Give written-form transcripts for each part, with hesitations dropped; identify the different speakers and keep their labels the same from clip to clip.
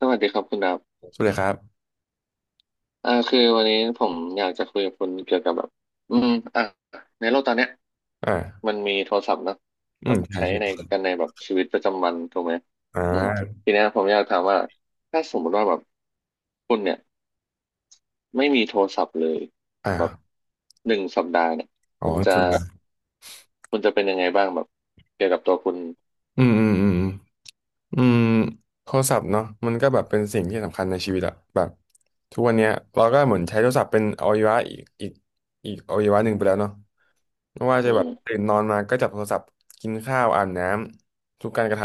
Speaker 1: สวัสดีครับคุณดับ
Speaker 2: สุดเลยครับ
Speaker 1: คือวันนี้ผมอยากจะคุยกับคุณเกี่ยวกับแบบอืมอ่ะในโลกตอนเนี้ย
Speaker 2: อ่า
Speaker 1: มันมีโทรศัพท์เนอะ
Speaker 2: อื
Speaker 1: แบ
Speaker 2: ม
Speaker 1: บ
Speaker 2: ใช่
Speaker 1: ใช้
Speaker 2: ใช่
Speaker 1: ในแบบชีวิตประจำวันถูกไหม
Speaker 2: อ่
Speaker 1: อืม
Speaker 2: า
Speaker 1: ทีเนี้ยผมอยากถามว่าถ้าสมมติว่าแบบคุณเนี่ยไม่มีโทรศัพท์เลยแบบ
Speaker 2: อ่า
Speaker 1: หนึ่งสัปดาห์เนี่ย
Speaker 2: อ๋อ
Speaker 1: คุณจะ
Speaker 2: สุดละ
Speaker 1: คุณจะเป็นยังไงบ้างแบบเกี่ยวกับตัวคุณ
Speaker 2: อืมอืมอืม อืมอืมโทรศัพท์เนาะมันก็แบบเป็นสิ่งที่สำคัญในชีวิตอะแบบทุกวันเนี้ยเราก็เหมือนใช้โทรศัพท์เป็นอวัยวะอีกอวัยวะหนึ่งไปแล้วเนาะ ไม่ว่า
Speaker 1: อื
Speaker 2: จะแบ
Speaker 1: ม
Speaker 2: บตื่นนอนมาก็จับโทรศัพท์กินข้าวอาบน้ำทุกการกระท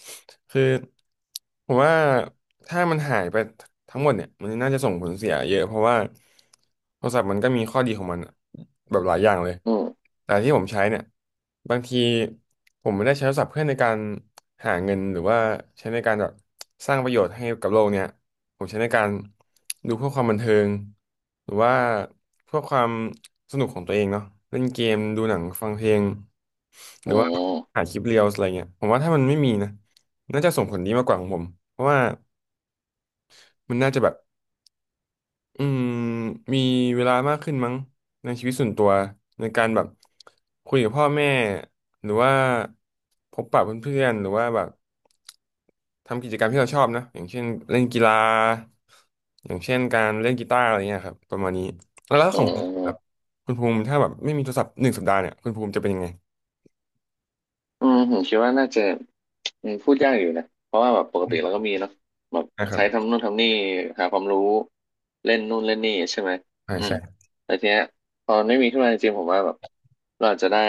Speaker 2: ำคือผมว่าถ้ามันหายไปทั้งหมดเนี่ยมันน่าจะส่งผลเสียเยอะเพราะว่าโทรศัพท์มันก็มีข้อดีของมันอะแบบหลายอย่างเลย
Speaker 1: อืม
Speaker 2: แต่ที่ผมใช้เนี่ยบางทีผมไม่ได้ใช้โทรศัพท์เพื่อในการหาเงินหรือว่าใช้ในการแบบสร้างประโยชน์ให้กับโลกเนี่ย ผมใช้ในการดูเพื่อความบันเทิงหรือว่าเพื่อความสนุกของตัวเองเนาะเล่นเกมดูหนังฟังเพลงห
Speaker 1: อื
Speaker 2: รือว่าหา
Speaker 1: ม
Speaker 2: คลิปเรียลอะไรเงี้ยผมว่าถ้ามันไม่มีนะน่าจะส่งผลดีมากกว่าของผมเพราะว่ามันน่าจะแบบ อืมมีเวลามากขึ้นมั้งในชีวิตส่วนตัวในการแบบคุยกับพ่อแม่หรือว่าพบปะเพื่อนๆหรือว่าแบบทำกิจกรรมที่เราชอบนะอย่างเช่นเล่นกีฬาอย่างเช่นการเล่นกีตาร์อะไรเงี้ยครับประมาณนี้แล้ว
Speaker 1: อื
Speaker 2: ของคุณแบบ
Speaker 1: ม
Speaker 2: คุณภูมิถ้าแบบไม่มีโทรศัพท์หนึ่งสัปดาห์เนี่ยคุณภูมิจะเป็นยังไง
Speaker 1: อืมผมคิดว่าน่าจะพูดยากอยู่นะเพราะว่าแบบปกติเราก็มีเนาะแบบ
Speaker 2: นะครั
Speaker 1: ใช้
Speaker 2: บ
Speaker 1: ทำนู่นทำนี่หาความรู้เล่นนู่นเล่นนี่ใช่ไหม
Speaker 2: อ่า
Speaker 1: อืม
Speaker 2: ใช่
Speaker 1: แต่ทีเนี้ยตอนไม่มีขึ้นมาจริงๆผมว่าแบบเราอาจจะได้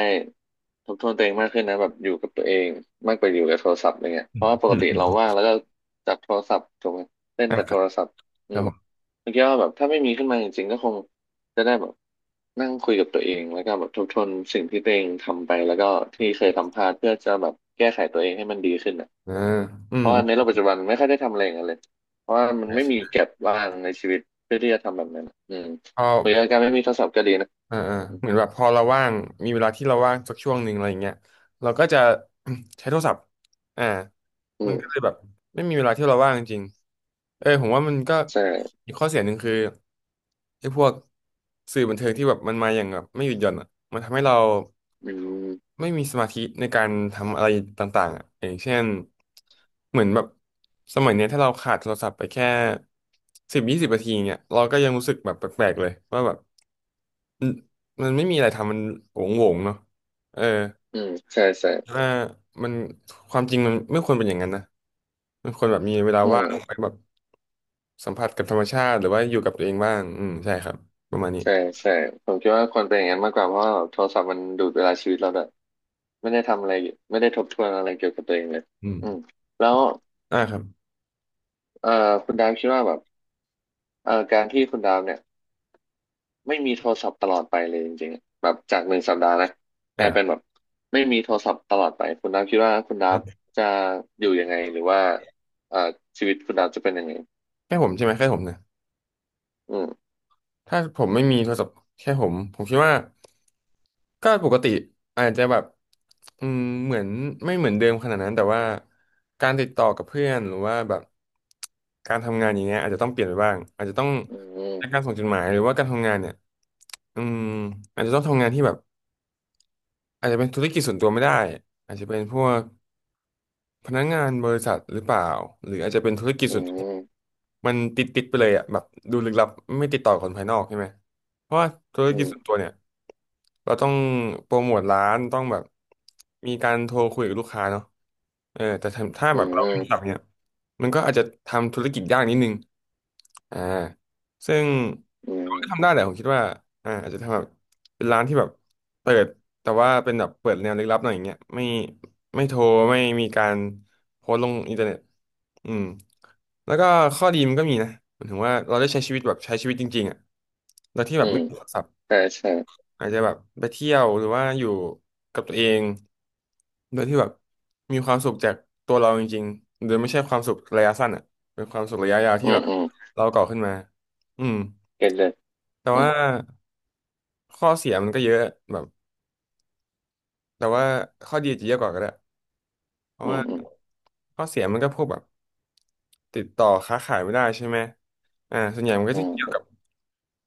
Speaker 1: ทบทวนตัวเองมากขึ้นนะแบบอยู่กับตัวเองมากกว่าอยู่กับโทรศัพท์อะไรเงี้ยเพราะว่าปก
Speaker 2: อ
Speaker 1: ติ
Speaker 2: ม
Speaker 1: เราว่างแล้วก็จับโทรศัพท์ถูกไหมเล่น
Speaker 2: อ่า
Speaker 1: แต่
Speaker 2: ค
Speaker 1: โท
Speaker 2: รับ
Speaker 1: รศัพท์อืม
Speaker 2: ผม
Speaker 1: ผมคิดว่าแบบถ้าไม่มีขึ้นมาจริงๆก็คง จะได้แบบนั่งคุยกับตัวเองแล้วก็แบบทบทวนสิ่งที่ตัวเองทำไปแล้วก็ที่เคยทำพลาดเพื่อจะแบบแก้ไขตัวเองให้มันดีขึ้นอ่ะ
Speaker 2: อ่าอืม
Speaker 1: เพราะ
Speaker 2: อื
Speaker 1: ว่าในโล
Speaker 2: ม
Speaker 1: กปัจจุบันไม่ค่อยได้ทำอะไรอย่างนั้นเลยเพราะว่ามัน
Speaker 2: ใช่
Speaker 1: ไม่มี
Speaker 2: ใช่
Speaker 1: แก็บว่างในชีวิตเพื่อที่จะทำแบบนั้นอะอืม
Speaker 2: พ
Speaker 1: หรื
Speaker 2: อ
Speaker 1: อการไม่มีโทรศัพท์ก็ดีนะ
Speaker 2: อ่าอ่าเหมือนแบบพอเราว่างมีเวลาที่เราว่างสักช่วงหนึ่งอะไรอย่างเงี้ยเราก็จะ ใช้โทรศัพท์อ่า
Speaker 1: อื
Speaker 2: มันก็เล
Speaker 1: ม
Speaker 2: ยแบบไม่มีเวลาที่เราว่างจริงๆเออผมว่ามันก็
Speaker 1: ใช่
Speaker 2: อีกข้อเสียหนึ่งคือไอ้พวกสื่อบันเทิงที่แบบมันมาอย่างแบบไม่หยุดหย่อนอ่ะมันทำให้เรา
Speaker 1: อืม
Speaker 2: ไม่มีสมาธิในการทำอะไรต่างๆอ่ะอย่างเช่นเหมือนแบบสมัยเนี้ยถ้าเราขาดโทรศัพท์ไปแค่10-20 นาทีเนี่ยเราก็ยังรู้สึกแบบแปลกๆเลยว่าแบบ อืมมันไม่มีอะไรทำมันโงงๆเนาะเออ
Speaker 1: อืมใช่ใช่
Speaker 2: ว่ามันความจริงมันไม่ควรเป็นอย่างนั้นนะมันควรแบบมีเวลา
Speaker 1: อื
Speaker 2: ว่า
Speaker 1: ม
Speaker 2: งไปแบบสัมผัสกับธรรมชาติหรือว่าอยู่กับตัวเองบ้างอืมใช่ครับประมาณนี้
Speaker 1: ใช่ใช่ผมคิดว่าควรเป็นอย่างนั้นมากกว่าเพราะว่าโทรศัพท์มันดูดเวลาชีวิตเราด้วยไม่ได้ทำอะไรไม่ได้ทบทวนอะไรเกี่ยวกับตัวเองเลย
Speaker 2: อืม
Speaker 1: อืมแล้ว
Speaker 2: อ่าครับ
Speaker 1: เอ่อคุณดาวคิดว่าแบบ การที่คุณดาวเนี่ยไม่มีโทรศัพท์ตลอดไปเลยจริงๆอะแบบจากหนึ่งสัปดาห์นะกลา
Speaker 2: อ่า
Speaker 1: ยเป็นแบบไม่มีโทรศัพท์ตลอดไปคุณดาวคิดว่าคุณ
Speaker 2: ค
Speaker 1: ดาว
Speaker 2: รับ
Speaker 1: จะอยู่ยังไงหรือว่าเอ่อชีวิตคุณดาวจะเป็นยังไง
Speaker 2: แค่ผมใช่ไหมแค่ผมนะ
Speaker 1: อืม
Speaker 2: ถ้าผมไม่มีโทรศัพท์แค่ผมผมคิดว่าก็ปกติอาจจะแบบอืมเหมือนไม่เหมือนเดิมขนาดนั้นแต่ว่าการติดต่อกับเพื่อนหรือว่าแบบการทำงานอย่างเงี้ยอาจจะต้องเปลี่ยนไปบ้างอาจจะต้อง
Speaker 1: อื
Speaker 2: ใช้การ
Speaker 1: ม
Speaker 2: ส่งจดหมายหรือว่าการทำงานเนี่ยอืมอาจจะต้องทำงานที่แบบอาจจะเป็นธุรกิจส่วนตัวไม่ได้อาจจะเป็นพวกพนักงานบริษัทหรือเปล่าหรืออาจจะเป็นธุรกิจ
Speaker 1: อื
Speaker 2: ส่วนตัว
Speaker 1: ม
Speaker 2: มันติดไปเลยอ่ะแบบดูลึกลับไม่ติดต่อกับคนภายนอกใช่ไหมเพราะว่าธุร
Speaker 1: อื
Speaker 2: กิจ
Speaker 1: ม
Speaker 2: ส่วนตัวเนี่ยเราต้องโปรโมทร้านต้องแบบมีการโทรคุยกับลูกค้าเนาะเออแต่ถ้า
Speaker 1: อื
Speaker 2: แบบเราเป็นสับ
Speaker 1: ม
Speaker 2: เนี่ยมันก็อาจจะทำธุรกิจยากนิดนึงอ่าซึ่ง
Speaker 1: อื
Speaker 2: ก็
Speaker 1: ม
Speaker 2: ทำได้แหละผมคิดว่าอ่าอาจจะทำแบบเป็นร้านที่แบบเปิด แต่ว่าเป็นแบบเปิดแนวลึกลับหน่อยอย่างเงี้ยไม่โทรไม่มีการโพสต์ลงอินเทอร์เน็ตอืมแล้วก็ข้อดีมันก็มีนะหมายถึงว่าเราได้ใช้ชีวิตแบบใช้ชีวิตจริงๆอ่ะโดยที่แบ
Speaker 1: อื
Speaker 2: บไม่
Speaker 1: ม
Speaker 2: ติดขัดสับ
Speaker 1: ใช่ใช่
Speaker 2: อาจจะแบบไปเที่ยวหรือว่าอยู่กับตัวเองโดยที่แบบมีความสุขจากตัวเราจริงๆโดยไม่ใช่ความสุขระยะสั้นอ่ะเป็นความสุขระยะยาว
Speaker 1: อื
Speaker 2: ที่แบ
Speaker 1: ม
Speaker 2: บ
Speaker 1: อืม
Speaker 2: เราก่อขึ้นมาอืม
Speaker 1: เก็ตเลย
Speaker 2: แต่
Speaker 1: อืม
Speaker 2: ว่าข้อเสียมันก็เยอะแบบแต่ว่าข้อดีอาจจะเยอะกว่าก็ได้เพราะ
Speaker 1: อื
Speaker 2: ว่า
Speaker 1: มอืม
Speaker 2: ข้อเสียมันก็พวกแบบติดต่อค้าขายไม่ได้ใช่ไหมอ่าส่วนใหญ่มันก็
Speaker 1: อื
Speaker 2: จะ
Speaker 1: ม
Speaker 2: เกี่ยวกับ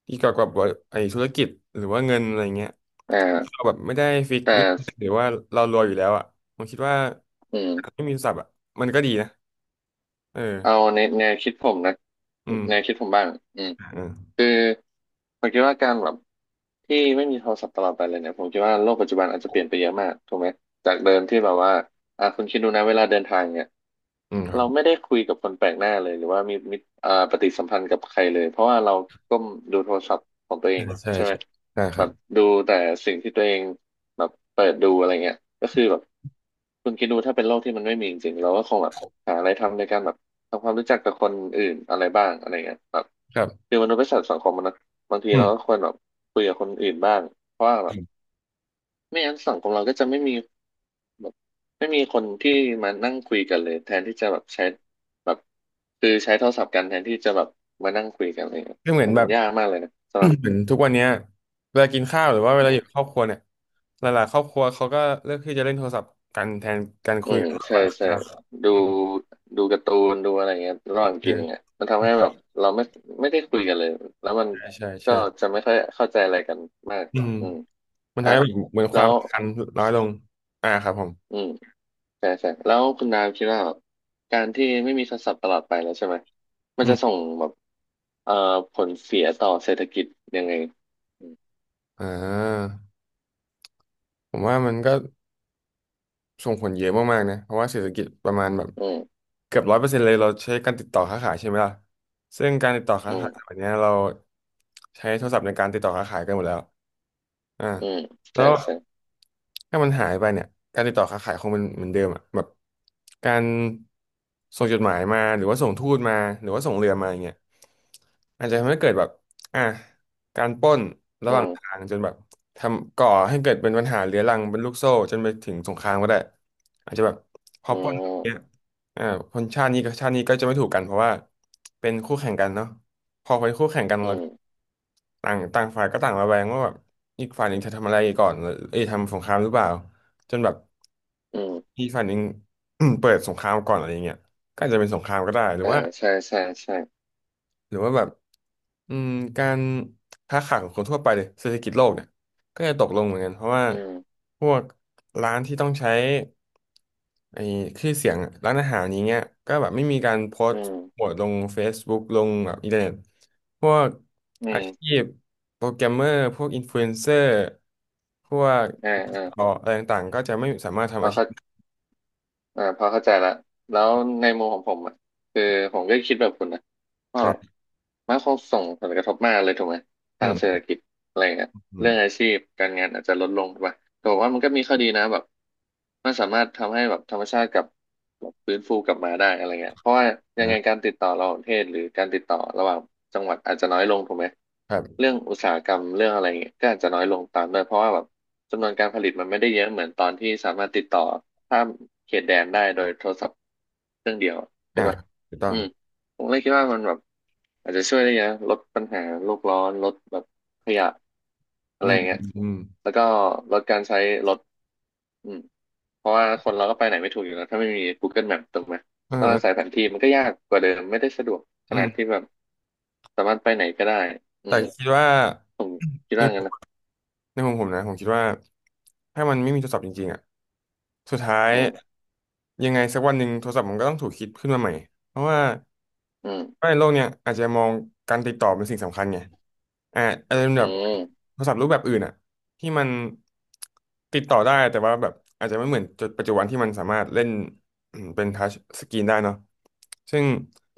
Speaker 2: อีกเกี่ยวกับไอ้ธุรกิจหรือว่าเงินอะไรเงี้ย
Speaker 1: อ
Speaker 2: เรา
Speaker 1: ่า
Speaker 2: แบบไม่ได้ฟิก
Speaker 1: แต่
Speaker 2: เรื่องเงินหรือว่าเรารวยอยู่แล้วอ่ะผมคิดว่า
Speaker 1: อืม
Speaker 2: ไม่มีศัพท์อ่ะมันก็ดีนะเอ
Speaker 1: เอา
Speaker 2: อ
Speaker 1: ในแนวคิดผมนะ
Speaker 2: อืม
Speaker 1: แนวคิดผมบ้างอืม
Speaker 2: อืม
Speaker 1: คือผมคิดว่าการแบบ ที่ไม่มีโทรศัพท์ตลอดไปเลยเนี่ยผมคิดว่าโลกปัจจุบันอาจจะเปลี่ยนไปเยอะมากถูกไหมจากเดิมที่แบบว่าอ่ะคุณคิดดูนะเวลาเดินทางเนี่ย
Speaker 2: อืมครั
Speaker 1: เรา
Speaker 2: บ
Speaker 1: ไม่ได้คุยกับคนแปลกหน้าเลยหรือว่ามีมิตรปฏิสัมพันธ์กับใครเลยเพราะว่าเราก้มดูโทรศัพท์ของตัวเอ
Speaker 2: ใช่
Speaker 1: ง
Speaker 2: ใช่
Speaker 1: ใช่ไหม
Speaker 2: ใช่ได้ค
Speaker 1: แบ
Speaker 2: รั
Speaker 1: บ
Speaker 2: บ
Speaker 1: ดูแต่สิ่งที่ตัวเองแบบเปิดดูอะไรเงี้ยก็คือแบบคุณคิดดูถ้าเป็นโลกที่มันไม่มีจริงๆเราก็คงแบบหาอะไรทำในการแบบทำความรู้จักกับคนอื่นอะไรบ้างอะไรเงี้ยแบบ
Speaker 2: ครับ
Speaker 1: คือมนุษย์เป็นสัตว์สังคมนะ บางที
Speaker 2: อื
Speaker 1: เราก็
Speaker 2: ม
Speaker 1: ควรแบบคุยกับคนอื่นบ้างเพราะว่าแบ
Speaker 2: อื
Speaker 1: บ
Speaker 2: ม
Speaker 1: ไม่งั้นสังคมเราก็จะไม่มีแบบไม่มีคนที่มานั่งคุยกันเลยแทนที่จะแบบใช้แบบคือใช้โทรศัพท์กันแทนที่จะแบบมานั่งคุยกันอะไรเงี้ย
Speaker 2: ก็เหมือน
Speaker 1: มัน
Speaker 2: แบบ
Speaker 1: ยากมากเลยนะ สำหรับ
Speaker 2: เหมือนทุกวันเนี้ยเวลากินข้าวหรือว่าเว
Speaker 1: อื
Speaker 2: ลาอยู่กับคร
Speaker 1: ม
Speaker 2: อบครัวเนี่ยหลายๆครอบครัวเขาก็เลือกที่จะเล่นโทรศัพท์กันแทนการ
Speaker 1: อื
Speaker 2: คุย
Speaker 1: ม
Speaker 2: กันมากก
Speaker 1: ใช่
Speaker 2: ว่า
Speaker 1: ใช่ดูดูการ์ตูนดูอะไรเงี้ยระหว่างกินเงี้ย
Speaker 2: เออ
Speaker 1: มันทำให้แบบเราไม่ได้คุยกันเลยแล้วมัน
Speaker 2: ใช่ใช่
Speaker 1: ก็
Speaker 2: ใช่
Speaker 1: จะไม่ค่อยเข้าใจอะไรกันมาก
Speaker 2: อืม
Speaker 1: อืม
Speaker 2: มัน
Speaker 1: อ่ะ
Speaker 2: ทำให้แบบเหมือนค
Speaker 1: แล้
Speaker 2: วาม
Speaker 1: ว
Speaker 2: สำคันน้อยลงอ่าครับผม
Speaker 1: อืม ใช่ใช่แล้วคุณดาวคิดว่าแบบการที่ไม่มีโทรศัพท์ตลอดไปแล้วใช่ไหมมัน
Speaker 2: อื
Speaker 1: จะส่
Speaker 2: ม
Speaker 1: งแบบเอ่อผลเสียต่อเศรษฐกิจยังไง
Speaker 2: อ่าผมว่ามันก็ ส่งผลเยอะมากๆนะเพราะว่าเศรษฐกิจประมาณแบบ
Speaker 1: อืม
Speaker 2: เกือบร้อยเปอร์เซ็นต์เลยเราใช้การติดต่อค้าขายใช่ไหมล่ะซึ่งการติดต่อค้า
Speaker 1: อืม
Speaker 2: ขายวันนี้เราใช้โทรศัพท์ในการติดต่อค้าขายกันหมดแล้วอ่า
Speaker 1: อืม
Speaker 2: แล้
Speaker 1: ใช่
Speaker 2: ว
Speaker 1: ใช่
Speaker 2: ถ้ามันหายไปเนี่ยการติดต่อค้าขายคงเป็นเหมือนเดิมอ่ะแบบการส่งจดหมายมาหรือว่าส่งทูตมาหรือว่าส่งเรือมาอย่างเงี้ยอาจจะทำให้เกิดแบบอ่ะ การปล้นระ
Speaker 1: อื
Speaker 2: หว่างทา
Speaker 1: ม
Speaker 2: งจนแบบทำก่อให้เกิดเป็นปัญหาเรื้อรังเป็นลูกโซ่จนไปถึงสงครามก็ได้อาจจะแบบพอ
Speaker 1: อื
Speaker 2: ปล้นแบบเนี้ย
Speaker 1: ม
Speaker 2: อ่าคนชาตินี้กับชาตินี้ก็จะไม่ถูกกันเพราะว่าเป็นคู่แข่งกันเนาะพอเป็นคู่แข่งกัน
Speaker 1: อื
Speaker 2: แล้ว
Speaker 1: ม
Speaker 2: ต่างต่างฝ่ายก็ต่างระแวงว่าแบบอีกฝ่ายหนึ่งจะทำอะไรก่อนเอ้ยทำสงครามหรือเปล่าจนแบบ
Speaker 1: อืม
Speaker 2: อีกฝ่ายหนึ่ง เปิดสงครามก่อนอะไรอย่างเงี้ยก็อาจจะเป็นสงครามก็ได้หรือ
Speaker 1: อ่า
Speaker 2: ว่า
Speaker 1: ใช่ใช่ใช่
Speaker 2: หรือว่าแบบ อืมการค้าขายของคนทั่วไปเลยเศรษฐกิจโลกเนี่ยก็จะตกลงเหมือนกันเพราะว่า
Speaker 1: อืม
Speaker 2: พวกร้านที่ต้องใช้ไอ้ชื่อเสียงอะร้านอาหารอย่างเงี้ยก็แบบไม่มีการโพส
Speaker 1: อื
Speaker 2: ต์
Speaker 1: ม
Speaker 2: โปรโมทลง Facebook ลงแบบอินเทอร์เน็ตพวก
Speaker 1: อื
Speaker 2: อาชี
Speaker 1: ม
Speaker 2: พโปรแกรมเมอร์พวกอินฟลูเอนเซอร์พวก
Speaker 1: อ่าอ่า
Speaker 2: อะไรต่างๆก็จะไม่สามารถ
Speaker 1: พ
Speaker 2: ทำ
Speaker 1: อ
Speaker 2: อาชี
Speaker 1: เข้า
Speaker 2: พ
Speaker 1: อ่าพอเข้าใจละแล้วในมุมของผมอ่ะคือผมก็คิดแบบคุณนะก็
Speaker 2: อ่ะ
Speaker 1: มันคงส่งผลกระทบมากเลยถูกไหม
Speaker 2: อื
Speaker 1: ทางเศร
Speaker 2: ม
Speaker 1: ษฐกิจอะไรเงี้ย
Speaker 2: อื
Speaker 1: เรื่
Speaker 2: ม
Speaker 1: องอาชีพการงานอาจจะลดลงไปแต่ผมว่ามันก็มีข้อดีนะแบบมันสามารถทำให้แบบธรรมชาติกลับแบบฟื้นฟูกลับมาได้อะไรเงี้ยเพราะว่ายังไง
Speaker 2: นะ
Speaker 1: การติดต่อระหว่างประเทศหรือการติดต่อระหว่างจังหวัดอาจจะน้อยลงถูกไหม
Speaker 2: ครับ
Speaker 1: เรื่องอุตสาหกรรมเรื่องอะไรเงี้ยก็อาจจะน้อยลงตามด้วยเพราะว่าแบบจำนวนการผลิตมันไม่ได้เยอะเหมือนตอนที่สามารถติดต่อข้ามเขตแดนได้โดยโทรศัพท์เครื่องเดียวใช่
Speaker 2: อ่ะ
Speaker 1: ปะ
Speaker 2: ถูกต้อ
Speaker 1: อื
Speaker 2: ง
Speaker 1: ม ผมเลยคิดว่ามันแบบอาจจะช่วยได้เยอะลดปัญหาโลกร้อนลดแบบขยะอะ
Speaker 2: อื
Speaker 1: ไร
Speaker 2: ม
Speaker 1: เงี้
Speaker 2: อื
Speaker 1: ย
Speaker 2: มอืม
Speaker 1: แล้วก็ลดการใช้รถอืมเพราะว่าคนเราก็ไปไหนไม่ถูกอยู่แล้วถ้าไม่มี Google Map ถูกไหมต้องอาศัยแผ
Speaker 2: เออ
Speaker 1: นที่มันก็ยากกว่าเดิมไม่ได้สะดวกข
Speaker 2: อื
Speaker 1: นาด
Speaker 2: ม
Speaker 1: ที่แบบสามารถไปไหนก็ได้อื
Speaker 2: แต่
Speaker 1: ม
Speaker 2: คิดว่า
Speaker 1: ผมคิดว่างั้นนะ
Speaker 2: ในมุมผมนะผมคิดว่าถ้ามันไม่มีโทรศัพท์จริงๆอ่ะสุดท้าย
Speaker 1: อืม
Speaker 2: ยังไงสักวันหนึ่งโทรศัพท์มันก็ต้องถูกคิดขึ้นมาใหม่เพราะว่า
Speaker 1: อืม
Speaker 2: ไม่โลกเนี่ยอาจจะมองการติดต่อเป็นสิ่งสำคัญไงอ่าอาจจะเป็น
Speaker 1: อื
Speaker 2: แบบ
Speaker 1: ม
Speaker 2: โทรศัพท์รูปแบบอื่นอ่ะที่มันติดต่อได้แต่ว่าแบบอาจจะไม่เหมือนจุดปัจจุบันที่มันสามารถเล่นอืมเป็นทัชสกรีนได้เนาะซึ่ง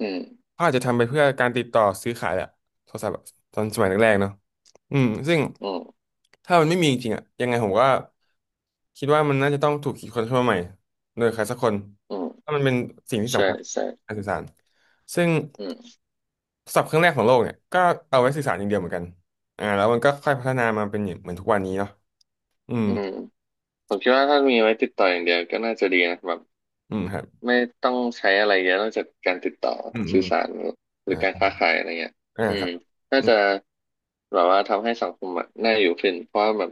Speaker 1: อืม
Speaker 2: เขาอาจจะทำไปเพื่อการติดต่อซื้อขายแหละโทรศัพท์ตอนสมัยแรกๆเนาะอืมซึ่ง
Speaker 1: อืม
Speaker 2: ถ้ามันไม่มีจริงๆอ่ะยังไงผมก็คิดว่ามันน่าจะต้องถูกคิดค้นขึ้นมาใหม่โดยใครสักคน
Speaker 1: อื
Speaker 2: ถ้า
Speaker 1: ม
Speaker 2: มันเป็นสิ่งที่
Speaker 1: ใช่
Speaker 2: สำคัญ
Speaker 1: ใช่
Speaker 2: การสื่อสารซึ่ง
Speaker 1: อืม
Speaker 2: ศัพท์เครื่องแรกของโลกเนี่ยก็เอาไว้สื่อสารอย่างเดียวเหมือนกันอ่าแล้วมันก็ค่อยพัฒนามาเป็นอย่างเหมือนทุกวันนี้เนาะอืม
Speaker 1: อืมผมคิดว่าถ้ามีไว้ติดต่ออย่างเดียวก็น่าจะดีนะแบบ
Speaker 2: อืมครับ
Speaker 1: ไม่ต้องใช้อะไรเยอะนอกจากการติดต่อ
Speaker 2: อืมอื
Speaker 1: สื่อ
Speaker 2: ม
Speaker 1: สารหรื
Speaker 2: อ่า
Speaker 1: อการค้าขายอะไรเงี้ย
Speaker 2: อ่า
Speaker 1: อื
Speaker 2: ครั
Speaker 1: ม
Speaker 2: บ
Speaker 1: น่า
Speaker 2: อืม
Speaker 1: จะแบบว่าทำให้สังคมอะน่าอยู่ขึ้นเพราะว่าแบบ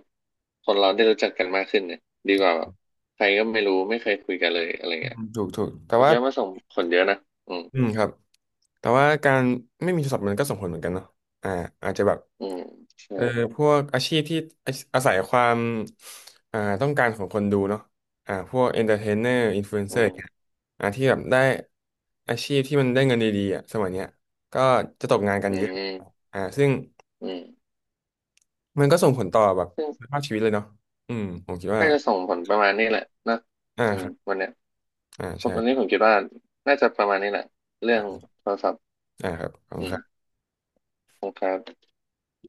Speaker 1: คนเราได้รู้จักกันมากขึ้นเนี่ยดีกว่าแบบใครก็ไม่รู้ไม่เคยคุยกันเลยอะไร
Speaker 2: อื
Speaker 1: เงี้ย
Speaker 2: มถูกถูกแต่
Speaker 1: ผม
Speaker 2: ว่า
Speaker 1: คิดว่ามันส่งผลเยอะนะอืม
Speaker 2: อืมครับแต่ว่าการไม่มีโทรศัพท์มันก็ส่งผลเหมือนกันเนาะอ่าอาจจะแบบ
Speaker 1: อืมใช่
Speaker 2: เออพวกอาชีพที่อาศัยความอ่าต้องการของคนดูเนาะอ่าพวกเอนเตอร์เทนเนอร์อินฟลูเอน
Speaker 1: อื
Speaker 2: เซอร์อย่า
Speaker 1: ม
Speaker 2: งเงี้ยอ่าที่แบบได้อาชีพที่มันได้เงินดีๆอ่ะสมัยเนี้ยก็จะตกงานกัน
Speaker 1: อื
Speaker 2: เยอะ
Speaker 1: ม
Speaker 2: อ่าซึ่ง
Speaker 1: อืม
Speaker 2: มันก็ส่งผลต่อแบบ
Speaker 1: ซึ่ง
Speaker 2: คุณภาพชีวิตเลยเนาะอืมผมคิดว่า
Speaker 1: น่าจะส่งผลประมาณนี้แหละนะ
Speaker 2: อ่า
Speaker 1: อื
Speaker 2: ค
Speaker 1: ม
Speaker 2: รับ
Speaker 1: วันเนี้ย
Speaker 2: อ่าใช่
Speaker 1: วันนี้ผมคิดว่าน่าจะประมาณนี้แหละเรื่
Speaker 2: ค
Speaker 1: อ
Speaker 2: รั
Speaker 1: ง
Speaker 2: บ
Speaker 1: โทรศัพท์
Speaker 2: อ่าครับขอบ
Speaker 1: อื
Speaker 2: คุณ
Speaker 1: ม
Speaker 2: ครับ
Speaker 1: ขอบคงครับ